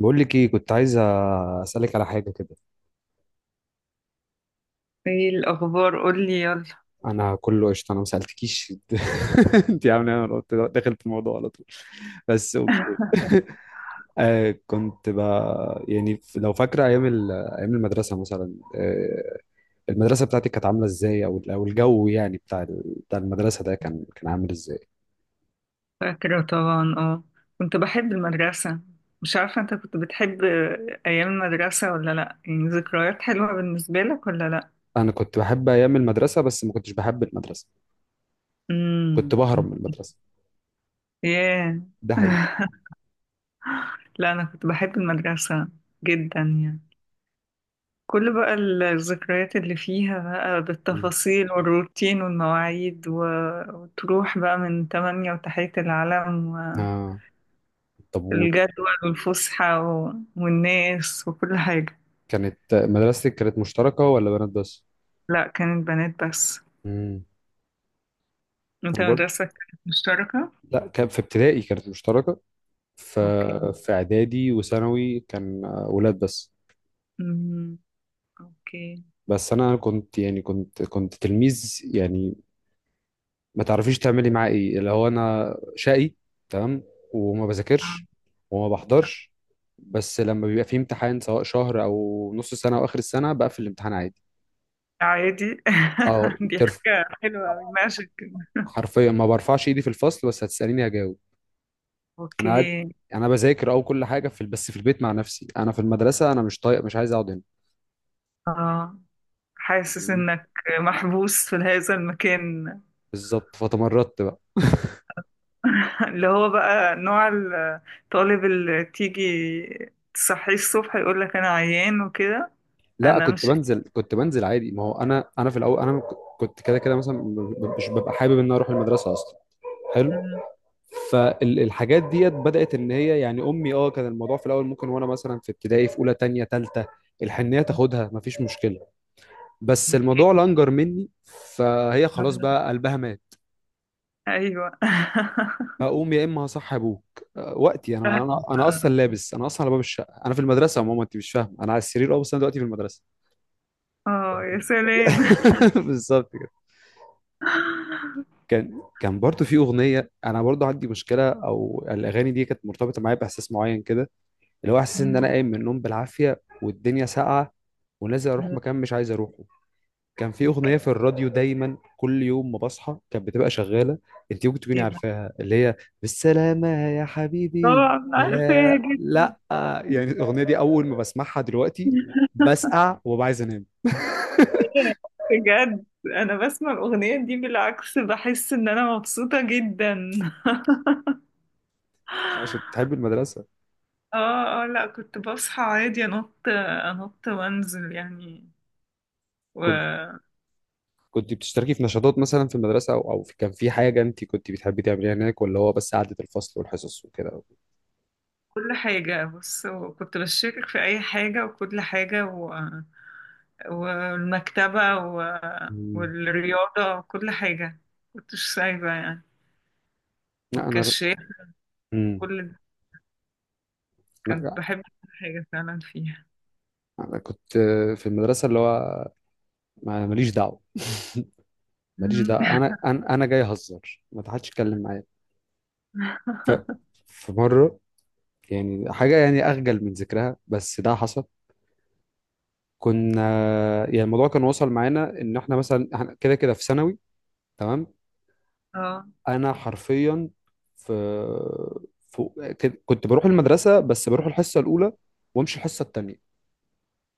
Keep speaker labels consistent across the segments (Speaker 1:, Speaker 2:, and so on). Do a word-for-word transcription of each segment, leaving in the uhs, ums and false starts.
Speaker 1: بقول لك ايه، كنت عايز اسالك على حاجه كده.
Speaker 2: ايه الاخبار؟ قولي يلا.
Speaker 1: انا كله قشطه، انا ما سالتكيش. انت عامله ايه؟ انا قلت داخل في الموضوع على طول، بس اوكي. آه، كنت ب... يعني لو فاكره ايام ال... ايام المدرسه مثلا، آه، المدرسه بتاعتك كانت عامله ازاي، او او الجو يعني بتاع ال... بتاع المدرسه ده كان كان عامل ازاي؟
Speaker 2: فاكره طبعا، اه. كنت بحب المدرسه. مش عارفه انت كنت بتحب ايام المدرسه ولا لا؟ يعني ذكريات حلوه بالنسبه لك ولا لا؟
Speaker 1: انا كنت بحب ايام المدرسه بس ما كنتش بحب المدرسه. كنت
Speaker 2: امم
Speaker 1: بهرب من
Speaker 2: اوكي.
Speaker 1: المدرسه،
Speaker 2: ياه.
Speaker 1: ده حقيقي.
Speaker 2: لا، انا كنت بحب المدرسه جدا يعني. كل بقى الذكريات اللي فيها بقى،
Speaker 1: مم.
Speaker 2: بالتفاصيل والروتين والمواعيد و... وتروح بقى من تمانية وتحية العلم و...
Speaker 1: اه، الطابور
Speaker 2: الجدول
Speaker 1: وبتاع.
Speaker 2: والفسحة و... والناس وكل حاجة.
Speaker 1: كانت مدرستك كانت مشتركه ولا بنات بس؟
Speaker 2: لا، كانت بنات بس.
Speaker 1: امم،
Speaker 2: انت
Speaker 1: انا برضه.
Speaker 2: مدرستك كانت مشتركة؟
Speaker 1: لا، كان في ابتدائي كانت مشتركه، ف...
Speaker 2: اوكي.
Speaker 1: في اعدادي وثانوي كان آه، ولاد بس.
Speaker 2: امم اوكي.
Speaker 1: بس انا كنت يعني كنت كنت تلميذ يعني ما تعرفيش تعملي معاه ايه، اللي هو انا شقي، تمام، وما بذاكرش
Speaker 2: آه.
Speaker 1: وما بحضرش، بس لما بيبقى في امتحان سواء شهر او نص سنه او اخر السنه بقفل الامتحان عادي.
Speaker 2: عادي.
Speaker 1: اه،
Speaker 2: دي
Speaker 1: الترف.
Speaker 2: حاجة حلوة أوي، ماشي كده.
Speaker 1: حرفيا ما برفعش ايدي في الفصل، بس هتساليني هجاوب. انا قاعد،
Speaker 2: اوكي.
Speaker 1: انا بذاكر او كل حاجه في ال- بس في البيت مع نفسي. انا في المدرسه انا مش طايق، مش عايز اقعد هنا.
Speaker 2: اه، حاسس
Speaker 1: فاهمني؟
Speaker 2: انك محبوس في هذا المكان.
Speaker 1: بالظبط، فتمردت بقى.
Speaker 2: اللي هو بقى نوع الطالب اللي تيجي تصحيه الصبح يقول لك انا عيان وكده.
Speaker 1: لا،
Speaker 2: انا
Speaker 1: كنت
Speaker 2: مش.
Speaker 1: بنزل، كنت بنزل عادي، ما هو انا انا في الاول انا م- كنت كده كده مثلا م- مش ببقى حابب ان أنا اروح المدرسه اصلا. حلو.
Speaker 2: مم.
Speaker 1: فالحاجات ديت بدات ان هي، يعني امي، اه، كان الموضوع في الاول ممكن، وانا مثلا في ابتدائي في اولى تانية تالتة الحنيه تاخدها، مفيش مشكله. بس
Speaker 2: اوكي.
Speaker 1: الموضوع لانجر مني، فهي خلاص بقى قلبها مات.
Speaker 2: ايوه.
Speaker 1: هقوم يا اما هصحي ابوك. أه، وقتي انا انا انا اصلا لابس، انا اصلا على باب الشقه، انا في المدرسه يا ماما، انت مش فاهمه، انا على السرير اه، بس انا دلوقتي في المدرسه.
Speaker 2: اه يا سلام.
Speaker 1: بالظبط كده. كان كان برضو في اغنيه، انا برضو عندي مشكله، او الاغاني دي كانت مرتبطه معايا باحساس معين كده، اللي هو احساس ان انا قايم من النوم بالعافيه والدنيا ساقعه، ونازل اروح مكان مش عايز اروحه. كان في
Speaker 2: اوكي،
Speaker 1: اغنيه في الراديو دايما كل يوم ما بصحى كانت بتبقى شغاله. انت ممكن تكوني
Speaker 2: بس.
Speaker 1: عارفاها، اللي هي بالسلامه يا حبيبي.
Speaker 2: طبعا عارفاها
Speaker 1: لا
Speaker 2: جدا.
Speaker 1: لا، يعني الاغنيه دي اول ما بسمعها دلوقتي بسقع وببقى عايز انام.
Speaker 2: بجد، انا بسمع الاغنيه دي بالعكس بحس ان انا مبسوطه جدا.
Speaker 1: عشان تحب المدرسه.
Speaker 2: اه اه، لا، كنت بصحى عادي، انط انط وانزل يعني. وكل
Speaker 1: كنت كنت بتشتركي في نشاطات مثلا في المدرسه او او في- كان في حاجه انت كنت بتحبي تعمليها هناك، ولا هو بس قعده الفصل والحصص وكده؟
Speaker 2: حاجه. بص، وكنت بشارك في اي حاجه وكل حاجه و... والمكتبه و...
Speaker 1: مم.
Speaker 2: والرياضه وكل حاجه، كنتش سايبه يعني.
Speaker 1: لا انا.
Speaker 2: والكشاف.
Speaker 1: مم.
Speaker 2: كل
Speaker 1: لا
Speaker 2: كنت
Speaker 1: لا.
Speaker 2: بحب كل حاجة فعلا فيها.
Speaker 1: انا كنت في المدرسه، اللي هو ما- ماليش دعوه، ماليش
Speaker 2: مم.
Speaker 1: دعوه، انا انا انا جاي اهزر، ما حدش يتكلم معايا. ف في مره، يعني حاجه يعني اخجل من ذكرها بس ده حصل. كنا يعني الموضوع كان وصل معانا ان احنا مثلا احنا كده كده في ثانوي، تمام.
Speaker 2: اه.
Speaker 1: انا حرفيا في, في كد- كنت بروح المدرسه بس بروح الحصه الاولى، وامشي الحصه الثانيه.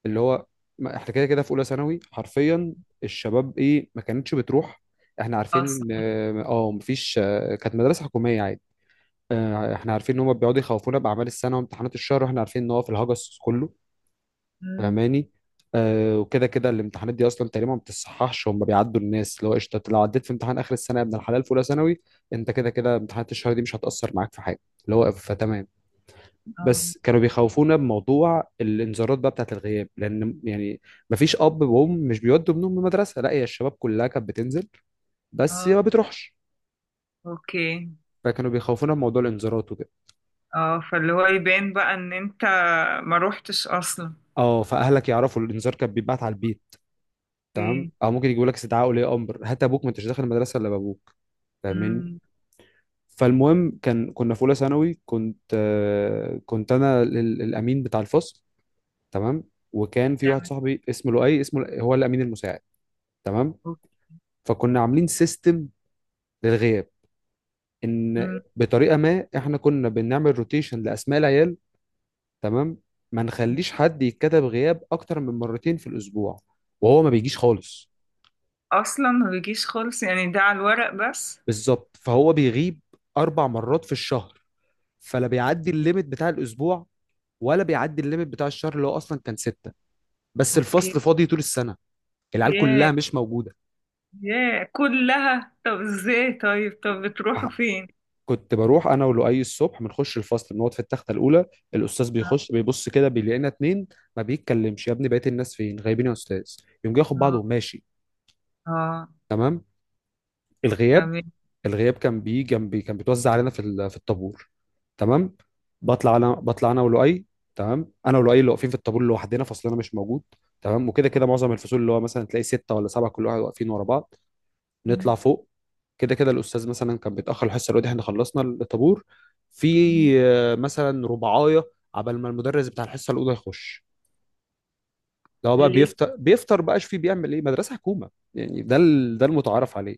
Speaker 1: اللي هو ما- احنا كده كده في اولى ثانوي حرفيا. الشباب ايه ما كانتش بتروح؟ احنا عارفين ان
Speaker 2: اصلا.
Speaker 1: اه مفيش. كانت مدرسه حكوميه عادي. آه، احنا عارفين ان هم بيقعدوا يخوفونا باعمال السنه وامتحانات الشهر، واحنا عارفين ان هو في الهجس كله.
Speaker 2: مم.
Speaker 1: فاهماني. آه، وكده كده الامتحانات دي اصلا تقريبا ما بتصححش، هم بيعدوا الناس. اللي هو قشطه لو عديت في امتحان اخر السنه يا ابن الحلال في اولى ثانوي، انت كده كده امتحانات الشهر دي مش هتاثر معاك في حاجه، اللي هو فتمام.
Speaker 2: اه
Speaker 1: بس كانوا بيخوفونا بموضوع الانذارات بقى بتاعت الغياب، لان يعني ما فيش اب وام مش بيودوا ابنهم المدرسه، لا هي الشباب كلها كانت بتنزل بس
Speaker 2: اه.
Speaker 1: ما بتروحش.
Speaker 2: اوكي.
Speaker 1: فكانوا بيخوفونا بموضوع الانذارات وكده.
Speaker 2: اه، فاللي هو يبان بقى ان انت ما روحتش اصلا.
Speaker 1: اه، فاهلك يعرفوا، الانذار كان بيتبعت على البيت، تمام،
Speaker 2: اوكي.
Speaker 1: او ممكن يجيبوا لك استدعاء ولي امر، هات ابوك، ما انتش داخل المدرسه الا بابوك. فاهمني.
Speaker 2: مم.
Speaker 1: فالمهم كان كنا في اولى ثانوي، كنت آه، كنت انا ال- ال- الامين بتاع الفصل، تمام. وكان في واحد صاحبي اسمه لؤي، اسمه لؤي- هو الامين المساعد، تمام.
Speaker 2: أوك-
Speaker 1: فكنا عاملين سيستم للغياب ان
Speaker 2: مم.
Speaker 1: بطريقه ما احنا كنا بنعمل روتيشن لاسماء العيال، تمام، ما نخليش حد يتكتب غياب اكتر من مرتين في الاسبوع وهو ما بيجيش خالص.
Speaker 2: اصلا ما بيجيش خالص يعني، ده على الورق بس.
Speaker 1: بالظبط، فهو بيغيب اربع مرات في الشهر، فلا بيعدي الليميت بتاع الاسبوع ولا بيعدي الليميت بتاع الشهر اللي هو اصلا كان ستة. بس
Speaker 2: اوكي.
Speaker 1: الفصل فاضي طول السنه، العيال
Speaker 2: ياه.
Speaker 1: كلها مش موجوده.
Speaker 2: ياه، كلها؟ طب ازاي؟ طيب طب بتروحوا
Speaker 1: أح-
Speaker 2: فين؟
Speaker 1: كنت بروح انا ولؤي الصبح، بنخش الفصل بنقعد في التخته الاولى، الاستاذ
Speaker 2: اه
Speaker 1: بيخش بيبص كده بيلاقينا اتنين. ما بيتكلمش. يا ابني بقيه الناس فين؟ غايبين يا استاذ. يقوم جاي ياخد بعضه
Speaker 2: اه،
Speaker 1: وماشي،
Speaker 2: آه،
Speaker 1: تمام. الغياب،
Speaker 2: تمام.
Speaker 1: الغياب كان بيجي جنبي، كان بيتوزع علينا في ال- في الطابور، تمام. بطلع انا بطلع انا ولؤي، تمام، انا ولؤي اللي واقفين في الطابور لوحدنا، فصلنا مش موجود. تمام، وكده كده
Speaker 2: أوكي.
Speaker 1: معظم الفصول اللي هو مثلا تلاقي ستة ولا سبعة، كل واحد واقفين ورا بعض. نطلع فوق. كده كده الاستاذ مثلا كان بيتاخر الحصه الأولى، احنا خلصنا الطابور في آه، مثلا ربعايه عبال ما المدرس بتاع الحصه الاولى يخش. لو بقى
Speaker 2: ليه؟
Speaker 1: بيفطر بيفطر بقى، شوف بيعمل ايه، مدرسه حكومه يعني، ده ال- ده المتعارف عليه.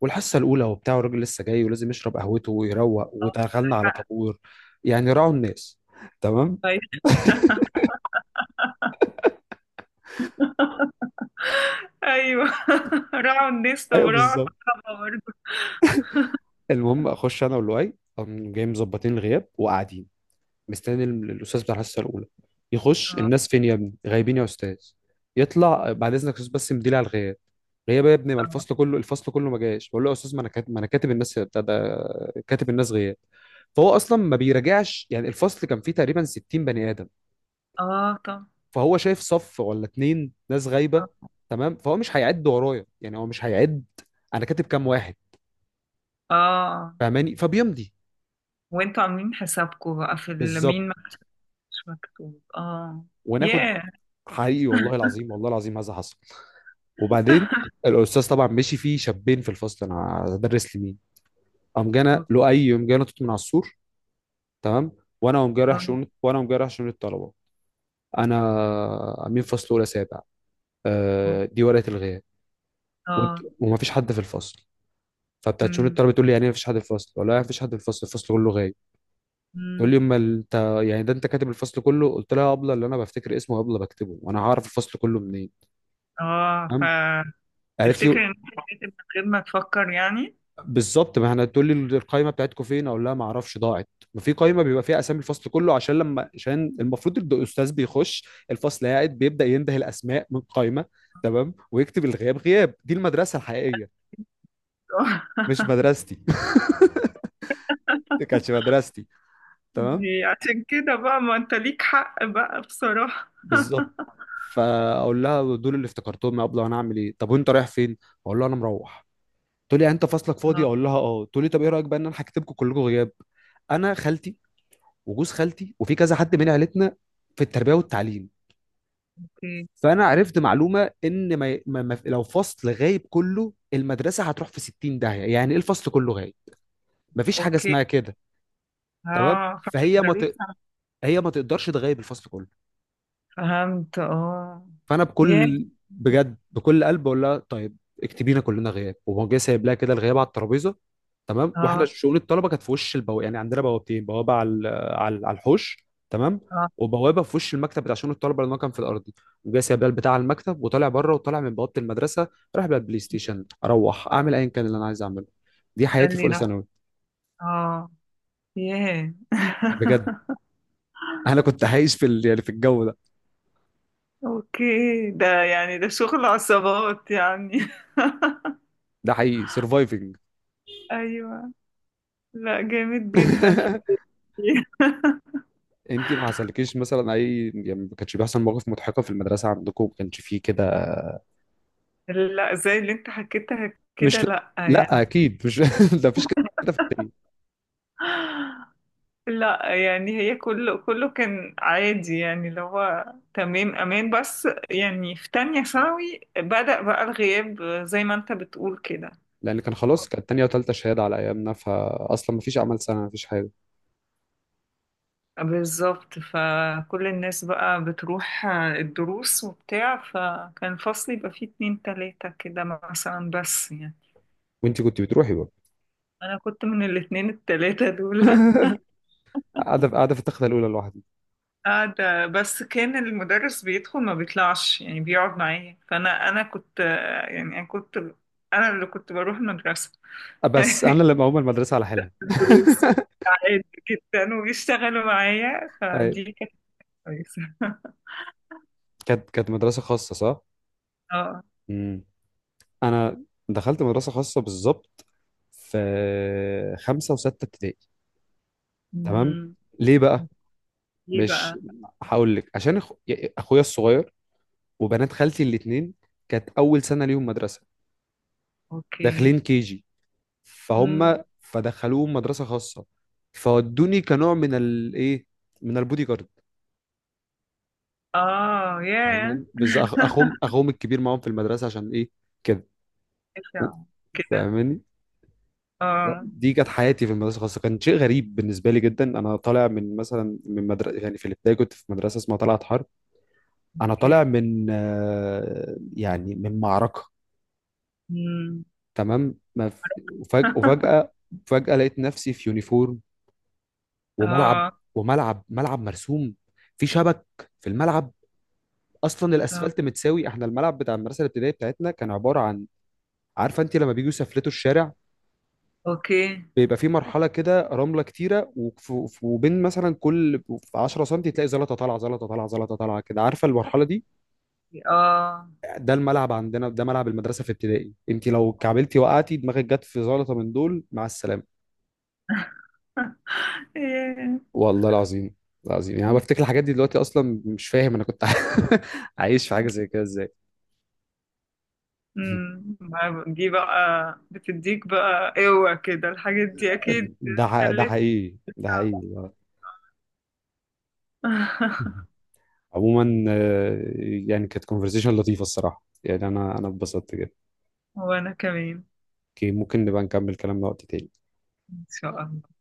Speaker 1: والحصه الاولى وبتاع، والراجل لسه جاي ولازم يشرب قهوته ويروق ودخلنا على طابور، يعني راعوا الناس، تمام.
Speaker 2: طيب. ايوه. راعوا الناس؟ طب
Speaker 1: ايوه
Speaker 2: راعوا
Speaker 1: بالظبط.
Speaker 2: الكهرباء برضه.
Speaker 1: المهم اخش انا واللؤي، قام جاي مظبطين الغياب وقاعدين مستني ال- الاستاذ بتاع الحصه الاولى يخش.
Speaker 2: اه.
Speaker 1: الناس فين يا ابني؟ غايبين يا استاذ. يطلع بعد اذنك يا استاذ بس مديلي على الغياب. غياب يا ابني، ما الفصل كله، الفصل كله ما جاش. بقول له يا استاذ ما انا كاتب، ما انا كاتب الناس بتاع ده، كاتب الناس غياب. فهو اصلا ما بيراجعش، يعني الفصل كان فيه تقريبا ستين بني ادم،
Speaker 2: آه، طب.
Speaker 1: فهو شايف صف ولا اتنين ناس غايبه،
Speaker 2: اه.
Speaker 1: تمام. فهو مش هيعد ورايا، يعني هو مش هيعد انا كاتب كام واحد.
Speaker 2: آه.
Speaker 1: فاهماني، فبيمضي.
Speaker 2: وانتوا عاملين حسابكم بقى في ال-
Speaker 1: بالظبط،
Speaker 2: مين ما مش مكتوب، اه.
Speaker 1: وناخد.
Speaker 2: ياه.
Speaker 1: حقيقي، والله العظيم، والله العظيم، هذا حصل. وبعدين الاستاذ طبعا مشي، فيه شابين في الفصل، انا هدرس لمين؟ قام جانا لؤي، قام جانا توت من على السور، تمام. وانا قوم جاي رايح
Speaker 2: اه
Speaker 1: شؤون، وانا قوم جاي رايح شؤون الطلبه. انا امين فصل اولى سابع، آه، دي ورقه الغياب. وانت
Speaker 2: اه.
Speaker 1: وما فيش حد في الفصل؟ فبتاعت شؤون
Speaker 2: أمم،
Speaker 1: الطلبه تقول لي يعني ايه ما فيش حد في الفصل، ولا ما فيش حد في الفصل، الفصل كله غايب؟ تقول
Speaker 2: أمم.
Speaker 1: لي امال انت، يعني ده انت كاتب الفصل كله؟ قلت لها ابله، اللي انا بفتكر اسمه ابله بكتبه وانا هعرف الفصل كله منين، تمام.
Speaker 2: اه،
Speaker 1: قالت
Speaker 2: فتفتكر
Speaker 1: لي،
Speaker 2: ان إنت حسيت من غير ما تفكر يعني.
Speaker 1: بالظبط ما احنا، تقول لي القايمه بتاعتكم فين؟ اقول لها ما اعرفش، ضاعت. ما في قايمه بيبقى فيها اسامي الفصل كله، عشان لما، عشان المفروض إن الاستاذ بيخش الفصل قاعد بيبدا ينده الاسماء من قايمه، تمام، ويكتب الغياب. غياب دي المدرسه الحقيقيه، مش مدرستي. دي كانتش مدرستي، تمام.
Speaker 2: دي عشان كده بقى، ما انت ليك حق بقى بصراحة.
Speaker 1: بالظبط. فاقول لها دول اللي افتكرتهم يا ابله، انا اعمل ايه؟ طب وانت رايح فين؟ اقول لها انا مروح. تقول لي انت فصلك فاضي؟
Speaker 2: آه.
Speaker 1: اقول لها اه. تقول لي طب ايه رايك بقى ان انا هكتبكم كلكم غياب؟ انا خالتي وجوز خالتي وفي كذا حد من عيلتنا في التربيه والتعليم،
Speaker 2: اوكي.
Speaker 1: فانا عرفت معلومه ان ما ما ما- لو فصل غايب كله المدرسه هتروح في ستين داهيه، يعني ايه الفصل كله غايب؟ مفيش حاجه
Speaker 2: اوكي.
Speaker 1: اسمها كده، تمام.
Speaker 2: اه، فما
Speaker 1: فهي ما
Speaker 2: يقدروش.
Speaker 1: ت... هي ما تقدرش تغيب الفصل كله.
Speaker 2: فهمت، اه.
Speaker 1: فانا
Speaker 2: يا
Speaker 1: بكل، بجد بكل قلب بقول لها طيب، اكتبينا كلنا غياب. وهو جاي سايب لها كده الغياب على الترابيزه، تمام. واحنا
Speaker 2: اه
Speaker 1: شؤون الطلبه كانت في وش البوابه، يعني عندنا بوابتين، بوابه على ال- على على الحوش تمام،
Speaker 2: اه.
Speaker 1: وبوابه في وش المكتب بتاع شؤون الطلبه لان هو كان في الارضي. وجاي سايب لها البتاع على المكتب وطالع بره، وطالع من بوابه المدرسه رايح بقى البلاي ستيشن، اروح اعمل ايا كان اللي انا عايز اعمله. دي حياتي في
Speaker 2: تسلي
Speaker 1: اولى
Speaker 2: نفسك.
Speaker 1: ثانوي.
Speaker 2: اه. ياه.
Speaker 1: بجد انا كنت عايش في ال- يعني في الجو ده.
Speaker 2: اوكي، ده يعني ده شغل عصابات يعني.
Speaker 1: ده حقيقي سرفايفنج.
Speaker 2: ايوه. لا، جامد جدا.
Speaker 1: انت ما حصلكيش مثلا اي، يعني ما كانش بيحصل مواقف مضحكه في المدرسه عندكم؟ ما كانش فيه كده؟
Speaker 2: لا، زي اللي انت حكيتها كده،
Speaker 1: مش،
Speaker 2: لا
Speaker 1: لا
Speaker 2: يعني.
Speaker 1: اكيد مش ده مفيش كده في التانية.
Speaker 2: لا يعني، هي كله كله كان عادي يعني، اللي هو تمام، امان. بس يعني في تانية ثانوي بدأ بقى الغياب زي ما انت بتقول كده.
Speaker 1: لان كان خلاص كانت تانية وتالتة شهاده على ايامنا، فاصلا مفيش اعمال سنه مفيش حاجه.
Speaker 2: بالظبط، فكل الناس بقى بتروح، آه، الدروس وبتاع، فكان فصلي يبقى فيه اتنين تلاتة كده مثلا، بس يعني.
Speaker 1: وانت كنت بتروحي برضه؟
Speaker 2: أنا كنت من الاتنين التلاتة دول.
Speaker 1: قاعده، قاعده في التخته الاولى لوحدي.
Speaker 2: قاعدة، بس كان المدرس بيدخل ما بيطلعش يعني، بيقعد معايا. فأنا أنا كنت، آه، يعني أنا كنت أنا اللي كنت بروح المدرسة.
Speaker 1: بس انا اللي مقوم المدرسه على حيلها.
Speaker 2: دروس عادي جدا، وبيشتغلوا معايا،
Speaker 1: أي.
Speaker 2: فدي كانت كويسة.
Speaker 1: كانت كانت مدرسه خاصه صح؟
Speaker 2: اه.
Speaker 1: امم. انا دخلت مدرسه خاصه بالظبط في خمسه وسته ابتدائي، تمام.
Speaker 2: مهم.
Speaker 1: ليه بقى؟
Speaker 2: دي
Speaker 1: مش
Speaker 2: بقى.
Speaker 1: هقول لك. عشان أخ... اخويا الصغير وبنات خالتي الاثنين كانت اول سنه ليهم مدرسه،
Speaker 2: اوكي.
Speaker 1: داخلين كي جي، فهم فدخلوهم مدرسه خاصه، فودوني كنوع من الايه، من البودي جارد.
Speaker 2: اه. ياه.
Speaker 1: فاهماني، بس أخ... اخوهم اخوهم الكبير معاهم في المدرسه عشان ايه، كده. و-
Speaker 2: إشعة. كده.
Speaker 1: فاهماني. لا،
Speaker 2: اه.
Speaker 1: دي كانت حياتي في المدرسه الخاصه. كان شيء غريب بالنسبه لي جدا. انا طالع من مثلا من مدرسه يعني، في الابتدائي كنت في مدرسه اسمها طلعت حرب. انا طالع
Speaker 2: اوكي.
Speaker 1: من آه، يعني من معركه،
Speaker 2: مم.
Speaker 1: تمام. ما ف... وفجأة وفجأة فجأة لقيت نفسي في يونيفورم، وملعب،
Speaker 2: اه.
Speaker 1: وملعب ملعب مرسوم، في شبك في الملعب، اصلا
Speaker 2: آه.
Speaker 1: الاسفلت متساوي. احنا الملعب بتاع المدرسه الابتدائيه بتاعتنا كان عباره عن، عارفه انت لما بيجوا يسفلتوا الشارع
Speaker 2: اوكي.
Speaker 1: بيبقى في مرحله كده رمله كتيره، وف- وف- وبين مثلا كل في عشرة سم تلاقي زلطه طالعه، زلطه طالعه، زلطه طالعه، كده عارفه المرحله دي؟
Speaker 2: اه.
Speaker 1: ده الملعب عندنا، ده ملعب المدرسه في ابتدائي. انت لو كعبلتي وقعتي دماغك جت في زلطه من دول، مع السلامه.
Speaker 2: ياه.
Speaker 1: والله العظيم، العظيم، يعني انا بفتكر الحاجات دي دلوقتي اصلا مش فاهم انا كنت عايش في حاجه زي كده ازاي.
Speaker 2: مم. ما دي بقى بتديك بقى قوة كده، الحاجات دي اكيد
Speaker 1: ده ح- ده
Speaker 2: خلت.
Speaker 1: حقيقي، ده حقيقي، آه. عموما آه، يعني كانت كونفرزيشن لطيفه الصراحه، يعني انا انا اتبسطت جدا.
Speaker 2: وانا كمان.
Speaker 1: اوكي، ممكن نبقى نكمل كلامنا وقت تاني.
Speaker 2: ان شاء الله.